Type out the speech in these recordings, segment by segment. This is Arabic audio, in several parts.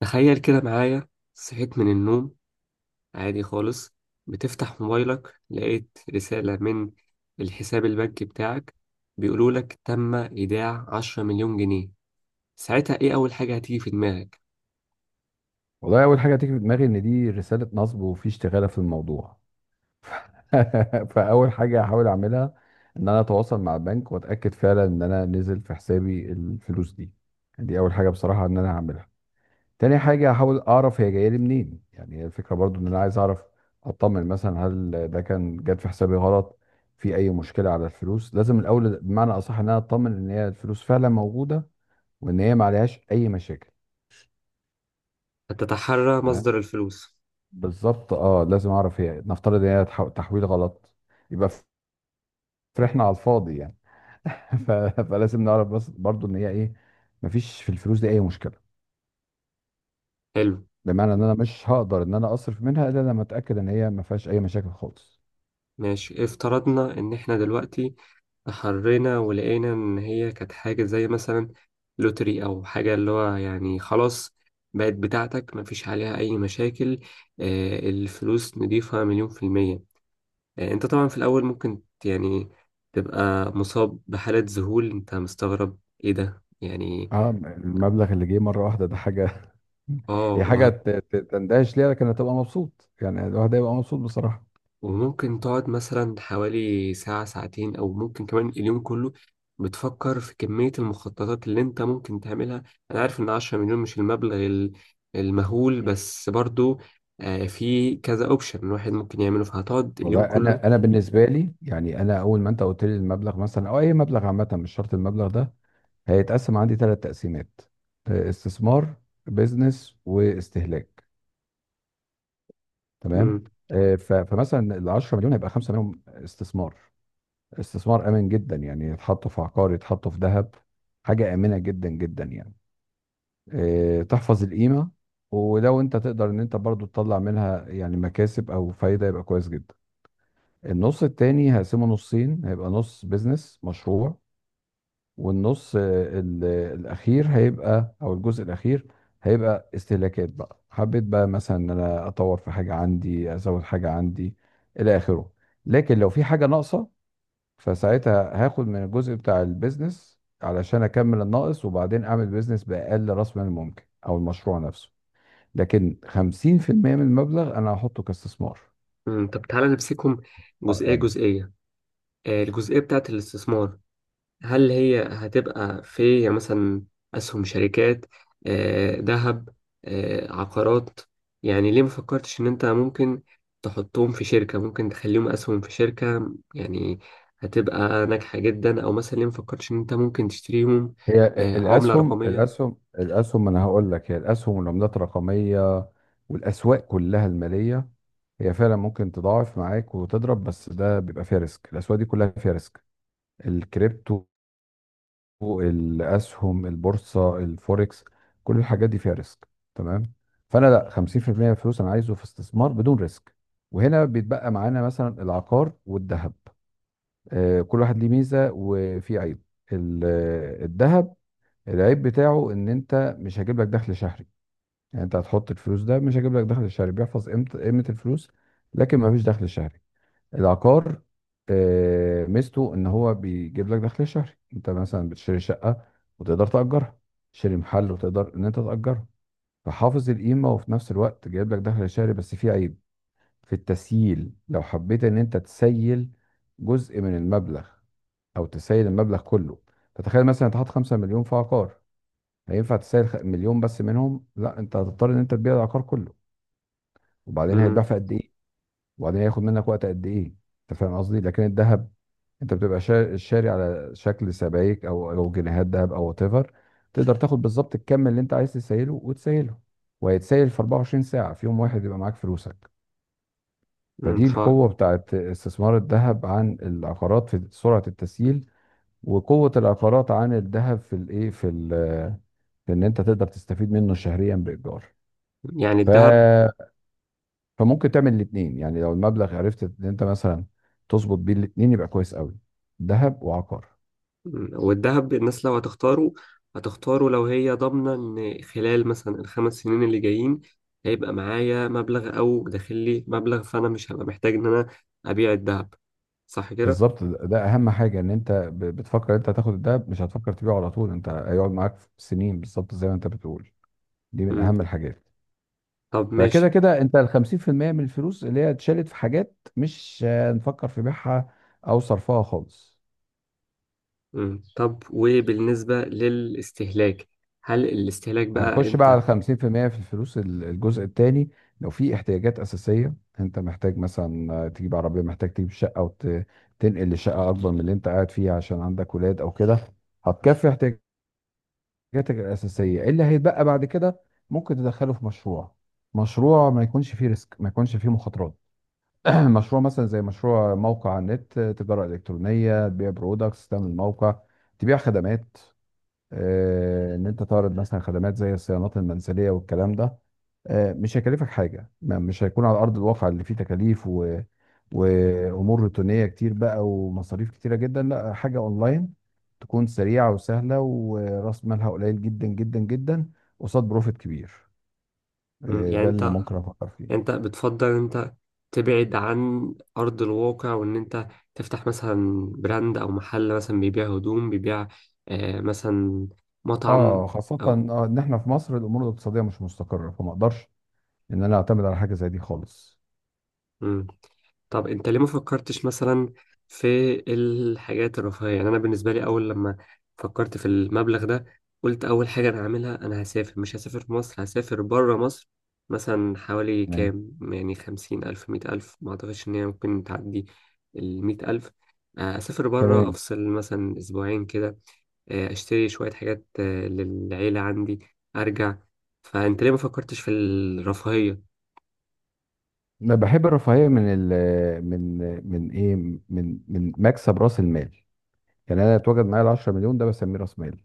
تخيل كده معايا. صحيت من النوم عادي خالص، بتفتح موبايلك لقيت رسالة من الحساب البنكي بتاعك بيقولولك تم إيداع 10 مليون جنيه. ساعتها إيه أول حاجة هتيجي في دماغك؟ والله اول حاجه هتيجي في دماغي ان دي رساله نصب وفي اشتغاله في الموضوع. فاول حاجه هحاول اعملها ان انا اتواصل مع البنك واتاكد فعلا ان انا نزل في حسابي الفلوس دي. دي اول حاجه بصراحه ان انا هعملها. تاني حاجه هحاول اعرف هي جايه لي منين، يعني هي الفكره، برضو ان انا عايز اعرف اطمن. مثلا هل ده كان جت في حسابي غلط، في اي مشكله على الفلوس؟ لازم الاول بمعنى اصح ان انا اطمن ان هي الفلوس فعلا موجوده، وان هي ما عليهاش اي مشاكل. هتتحرى مصدر الفلوس. بالظبط اه، لازم اعرف هي، نفترض ان هي تحويل غلط، يبقى فرحنا على الفاضي يعني. ف... فلازم نعرف بس برضو ان هي ايه. مفيش في الفلوس دي اي مشكله، حلو. بمعنى ان انا مش هقدر ان انا اصرف منها الا لما اتاكد ان هي ما فيهاش اي مشاكل خالص. ماشي، افترضنا ان احنا دلوقتي تحرينا ولقينا ان هي كانت حاجة زي مثلا لوتري او حاجة، اللي هو يعني خلاص بقت بتاعتك مفيش عليها اي مشاكل. الفلوس نضيفة مليون في المية. انت طبعا في الاول ممكن يعني تبقى مصاب بحالة ذهول، انت مستغرب ايه ده يعني. اه، المبلغ اللي جه مره واحده ده حاجه. اه، هي حاجه تندهش ليها، لكن هتبقى مبسوط، يعني الواحد هيبقى مبسوط بصراحه. وممكن تقعد مثلا حوالي ساعة ساعتين أو ممكن كمان اليوم كله بتفكر في كمية المخططات اللي أنت ممكن تعملها. أنا عارف إن 10 مليون مش المبلغ المهول، بس برضو في كذا أوبشن الواحد ممكن يعمله فهتقعد والله اليوم كله. انا بالنسبه لي، يعني انا اول ما انت قلت لي المبلغ مثلا او اي مبلغ عامه، مش شرط المبلغ ده، هيتقسم عندي ثلاث تقسيمات. استثمار، بيزنس، واستهلاك. تمام. مم. فمثلا ال 10 مليون هيبقى 5 منهم استثمار. استثمار امن جدا، يعني يتحطوا في عقار، يتحطوا في ذهب. حاجه امنه جدا جدا يعني. تحفظ القيمه. ولو انت تقدر ان انت برضو تطلع منها يعني مكاسب او فايده يبقى كويس جدا. النص التاني هقسمه نصين، هيبقى نص بيزنس مشروع. والنص ال- الاخير هيبقى، او الجزء الاخير هيبقى استهلاكات. بقى حبيت بقى مثلا ان انا اطور في حاجه عندي، ازود حاجه عندي، الى اخره. لكن لو في حاجه ناقصه، فساعتها هاخد من الجزء بتاع البيزنس علشان اكمل الناقص، وبعدين اعمل بيزنس باقل راس مال ممكن او المشروع نفسه. لكن 50% من المبلغ انا هحطه كاستثمار مم. طب تعالى نمسكهم جزئية امن. جزئية. الجزئية بتاعت الاستثمار، هل هي هتبقى في يعني مثلا أسهم شركات، ذهب، عقارات؟ يعني ليه ما فكرتش إن أنت ممكن تحطهم في شركة، ممكن تخليهم أسهم في شركة يعني هتبقى ناجحة جدا؟ أو مثلا ليه ما فكرتش إن أنت ممكن تشتريهم؟ هي آه، عملة الاسهم رقمية. الاسهم الاسهم ما انا هقول لك، هي الاسهم والعملات الرقميه والاسواق كلها الماليه. هي فعلا ممكن تضاعف معاك وتضرب، بس ده بيبقى فيها ريسك. الاسواق دي كلها فيها ريسك. الكريبتو، الاسهم، البورصه، الفوركس، كل الحاجات دي فيها ريسك. تمام. فانا لا، 50% من الفلوس انا عايزه في استثمار بدون ريسك. وهنا بيتبقى معانا مثلا العقار والذهب. كل واحد ليه ميزه وفي عيب. ال- الذهب العيب بتاعه ان انت مش هجيب لك دخل شهري، يعني انت هتحط الفلوس ده مش هجيب لك دخل شهري، بيحفظ قيمه الفلوس. لكن ما فيش دخل شهري. العقار ميزته ان هو بيجيب لك دخل شهري. انت مثلا بتشتري شقه وتقدر تاجرها، تشتري محل وتقدر ان انت تاجره، فحافظ القيمه وفي نفس الوقت جايب لك دخل شهري. بس في عيب في التسييل. لو حبيت ان انت تسيل جزء من المبلغ او تسيل المبلغ كله، فتخيل مثلا انت حاطط 5 مليون في عقار، هينفع تسال مليون بس منهم؟ لا، انت هتضطر ان انت تبيع العقار كله، وبعدين هيتباع مم، في قد ايه، وبعدين هياخد منك وقت قد ايه؟ انت فاهم قصدي. لكن الذهب انت بتبقى شاري على شكل سبائك، او جنيهات ذهب او وات ايفر. تقدر تاخد بالظبط الكم اللي انت عايز تسيله وتسيله، وهيتسيل في 24 ساعه، في يوم واحد يبقى معاك فلوسك. مم. فدي القوه بتاعت استثمار الذهب عن العقارات في سرعه التسييل. وقوه العقارات عن الذهب في الايه، في ان انت تقدر تستفيد منه شهريا بايجار. يعني الذهب. ف... فممكن تعمل الاثنين، يعني لو المبلغ عرفت ان انت مثلا تظبط بيه الاثنين يبقى كويس قوي، ذهب وعقار. مم. والذهب الناس لو هتختاره هتختاره لو هي ضامنة إن خلال مثلا ال 5 سنين اللي جايين هيبقى معايا مبلغ أو داخل لي مبلغ، فأنا مش هبقى محتاج إن أنا أبيع الذهب، صح كده؟ بالظبط، ده اهم حاجه، ان انت بتفكر انت هتاخد الذهب مش هتفكر تبيعه على طول، انت هيقعد معاك سنين بالظبط زي ما انت بتقول. دي من مم. اهم الحاجات. طب فكده ماشي. كده انت ال 50% من الفلوس اللي هي اتشالت في حاجات مش هنفكر في بيعها او صرفها خالص. مم. طب وبالنسبة للاستهلاك، هل الاستهلاك بقى هنخش بقى أنت؟ على 50% في المية في الفلوس، الجزء الثاني. لو في احتياجات أساسية انت محتاج مثلا تجيب عربية، محتاج تجيب شقة وتنقل لشقة أكبر من اللي انت قاعد فيها عشان عندك ولاد أو كده، هتكفي احتياجاتك الأساسية. اللي هيتبقى بعد كده ممكن تدخله في مشروع. مشروع ما يكونش فيه ريسك، ما يكونش فيه مخاطرات. مشروع مثلا زي مشروع موقع على النت، تجارة إلكترونية، تبيع برودكتس، تعمل موقع تبيع خدمات. ان انت تعرض مثلا خدمات زي الصيانات المنزليه والكلام ده. مش هيكلفك حاجه، مش هيكون على ارض الواقع اللي فيه تكاليف وامور روتينيه كتير بقى ومصاريف كتيره جدا. لا، حاجه اونلاين تكون سريعه وسهله وراس مالها قليل جدا جدا جدا قصاد بروفيت كبير. مم. يعني ده اللي أنت ممكن افكر فيه. انت بتفضل انت تبعد عن ارض الواقع وان انت تفتح مثلا براند او محل مثلا بيبيع هدوم، بيبيع مثلا مطعم، اه، خاصه او... ان احنا في مصر الامور الاقتصاديه مش مستقره، فما اقدرش ان انا اعتمد على حاجه زي دي خالص. مم. طب انت ليه ما فكرتش مثلا في الحاجات الرفاهية؟ يعني انا بالنسبة لي اول لما فكرت في المبلغ ده قلت اول حاجة انا هعملها، انا هسافر، مش هسافر في مصر، هسافر بره مصر، مثلا حوالي تمام. كام، يعني 50 ألف 100 ألف، ما اعتقدش ان هي ممكن تعدي ال 100 ألف. اسافر بره، تمام. افصل مثلا اسبوعين كده. اشتري شوية حاجات للعيلة عندي، ارجع. فانت ليه ما فكرتش في الرفاهية؟ انا بحب الرفاهيه من ال من من ايه من من مكسب راس المال. يعني انا اتوجد معايا ال 10 مليون ده بسميه راس مال.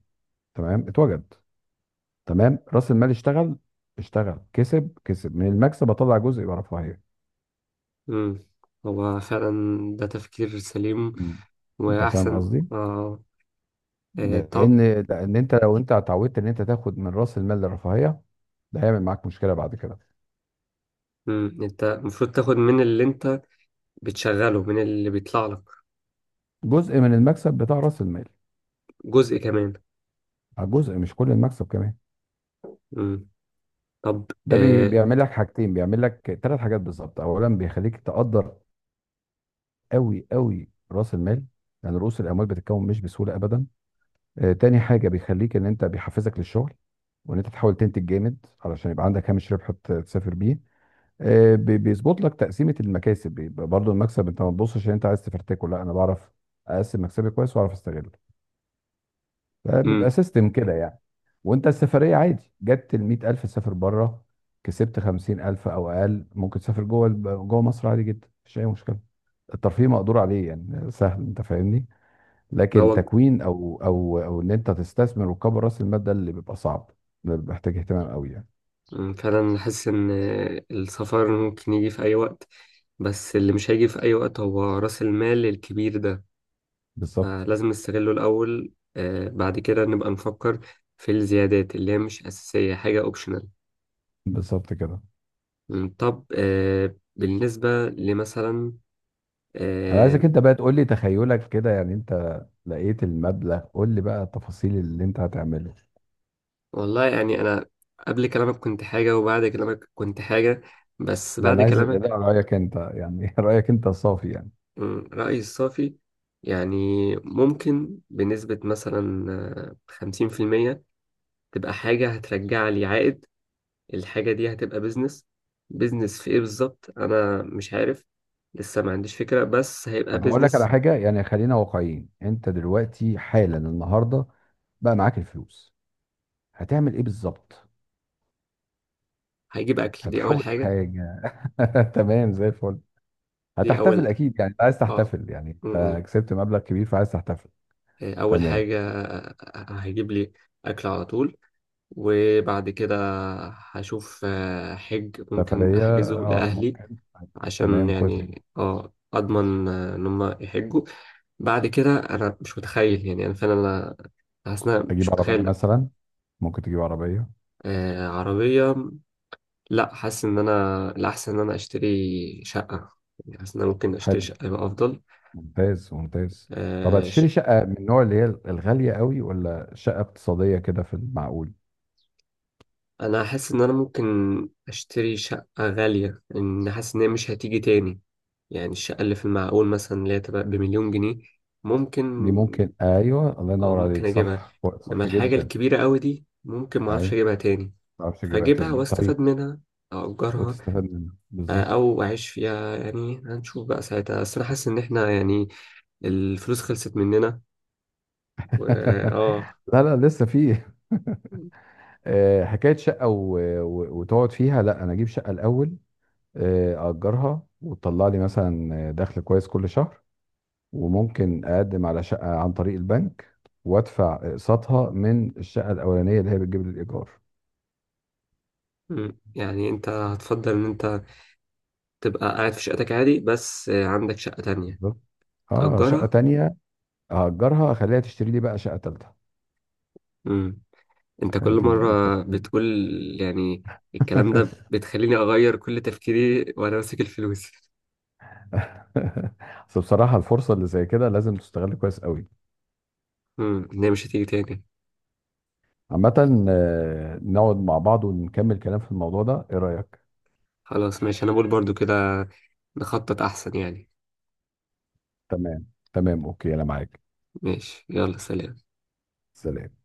تمام، اتوجد. تمام، راس المال اشتغل، اشتغل، كسب، كسب من المكسب، اطلع جزء يبقى رفاهيه. مم. هو فعلا ده تفكير سليم مم. انت فاهم واحسن قصدي؟ اه إيه طب. لان لان انت لو انت اتعودت ان انت تاخد من راس المال للرفاهيه، ده هيعمل معاك مشكله بعد كده. مم. انت المفروض تاخد من اللي انت بتشغله، من اللي بيطلع لك جزء من المكسب بتاع راس المال. جزء كمان. جزء مش كل المكسب كمان. مم. طب ده آه. بيعمل لك حاجتين، بيعمل لك ثلاث حاجات بالظبط. اولا، بيخليك تقدر قوي قوي راس المال، يعني رؤوس الاموال بتتكون مش بسهوله ابدا. تاني حاجه، بيخليك ان انت بيحفزك للشغل، وان انت تحاول تنتج جامد علشان يبقى عندك هامش ربح تسافر بيه. بيظبط لك تقسيمه المكاسب، بيبقى برضو المكسب انت ما تبصش ان انت عايز تفرتكه، لا، انا بعرف اقسم مكسبي كويس واعرف استغله. فبيبقى مم. سيستم كده يعني. وانت السفريه عادي جت ال 100,000 تسافر بره. كسبت 50,000 او اقل ممكن تسافر جوه جوه مصر عادي جدا، مفيش اي مشكله. الترفيه مقدور عليه، يعني سهل. انت فاهمني؟ لكن هو. تكوين او ان انت تستثمر وتكبر راس المال، ده اللي بيبقى صعب. ده بيبقى محتاج اهتمام قوي يعني. مم. فعلا حاسس ان السفر ممكن يجي في اي وقت، بس اللي مش هيجي في اي وقت هو راس المال الكبير ده، بالظبط. فلازم نستغله الاول. بعد كده نبقى نفكر في الزيادات اللي هي مش اساسية، حاجة اوبشنال. بالظبط كده. طب. بالنسبة لمثلا انا آه، عايزك انت بقى تقول لي، تخيلك كده يعني انت لقيت المبلغ، قول لي بقى التفاصيل اللي انت هتعمله. والله يعني أنا قبل كلامك كنت حاجة وبعد كلامك كنت حاجة، بس لا، بعد انا عايز، كلامك... لا، رايك انت يعني. رايك انت صافي يعني. رأيي الصافي، يعني ممكن بنسبة مثلا 50% تبقى حاجة هترجع لي عائد. الحاجة دي هتبقى بيزنس. بيزنس في إيه بالظبط أنا مش عارف، لسه ما عنديش فكرة، بس هيبقى طب هقول لك على بيزنس. حاجه، يعني خلينا واقعيين، انت دلوقتي حالا النهارده بقى معاك الفلوس، هتعمل ايه بالظبط؟ هيجيب أكل، دي أول هتحول حاجة. حاجه. تمام زي الفل. دي هتحتفل أول اكيد، يعني انت عايز آه تحتفل، يعني مم، مم. انت كسبت مبلغ كبير فعايز تحتفل. أول تمام. حاجة هيجيب لي أكل على طول. وبعد كده هشوف حج ممكن سفريه احجزه اه لاهلي ممكن. عشان تمام، كويس جدا. يعني اضمن ان هم يحجوا. بعد كده انا مش متخيل، يعني انا فعلا انا حاسس ان انا مش تجيب عربيه متخيل. مثلا، ممكن تجيب عربيه. آه، عربيه. لا، حاسس ان انا الاحسن ان انا اشتري شقه، يعني حاسس ان انا ممكن اشتري حلو. شقه يبقى افضل. ممتاز، ممتاز. طب آه ش- هتشتري شقه من النوع اللي هي الغاليه قوي، ولا شقه اقتصاديه كده في المعقول؟ انا حاسس ان انا ممكن اشتري شقه غاليه، ان حاسس ان هي مش هتيجي تاني. يعني الشقة اللي في المعقول مثلا اللي هي تبقى بمليون جنيه ممكن. دي ممكن، ايوه، الله اه، ينور ممكن عليك، أجيبها. صح. إنما صح الحاجة جدا. الكبيرة أوي دي ممكن ايوه. معرفش ما أجيبها تاني، تعرفش تجيبها فأجيبها تاني، وأستفاد طيب. منها أو أجرها. وتستفاد منها آه، بالظبط. أو أعيش فيها، يعني هنشوف بقى ساعتها. بس أنا حاسس إن إحنا يعني الفلوس خلصت مننا و آه لا، لا، لسه فيه. حكايه شقه وتقعد فيها، لا، انا اجيب شقه الاول، اجرها وتطلع لي مثلا دخل كويس كل شهر، وممكن اقدم على شقه عن طريق البنك وادفع اقساطها من الشقه الاولانيه اللي هي بتجيب لي الايجار. مم. يعني أنت هتفضل إن أنت تبقى قاعد في شقتك عادي، بس عندك شقة تانية بالظبط، اه، شقه تأجرها؟ تانية هاجرها اخليها تشتري لي بقى شقه تالتة. مم. انت كل دي مرة التفكير. بتقول يعني الكلام ده بتخليني اغير كل تفكيري وانا ماسك الفلوس. بس بصراحه، الفرصه اللي زي كده لازم تستغل كويس قوي. ان هي مش هتيجي تاني. عامه، نقعد مع بعض ونكمل كلام في الموضوع ده، ايه رايك؟ خلاص، ماشي، انا بقول برضو كده، نخطط احسن يعني. تمام. تمام، اوكي، انا معاك. ماشي، يلا سلام. سلام.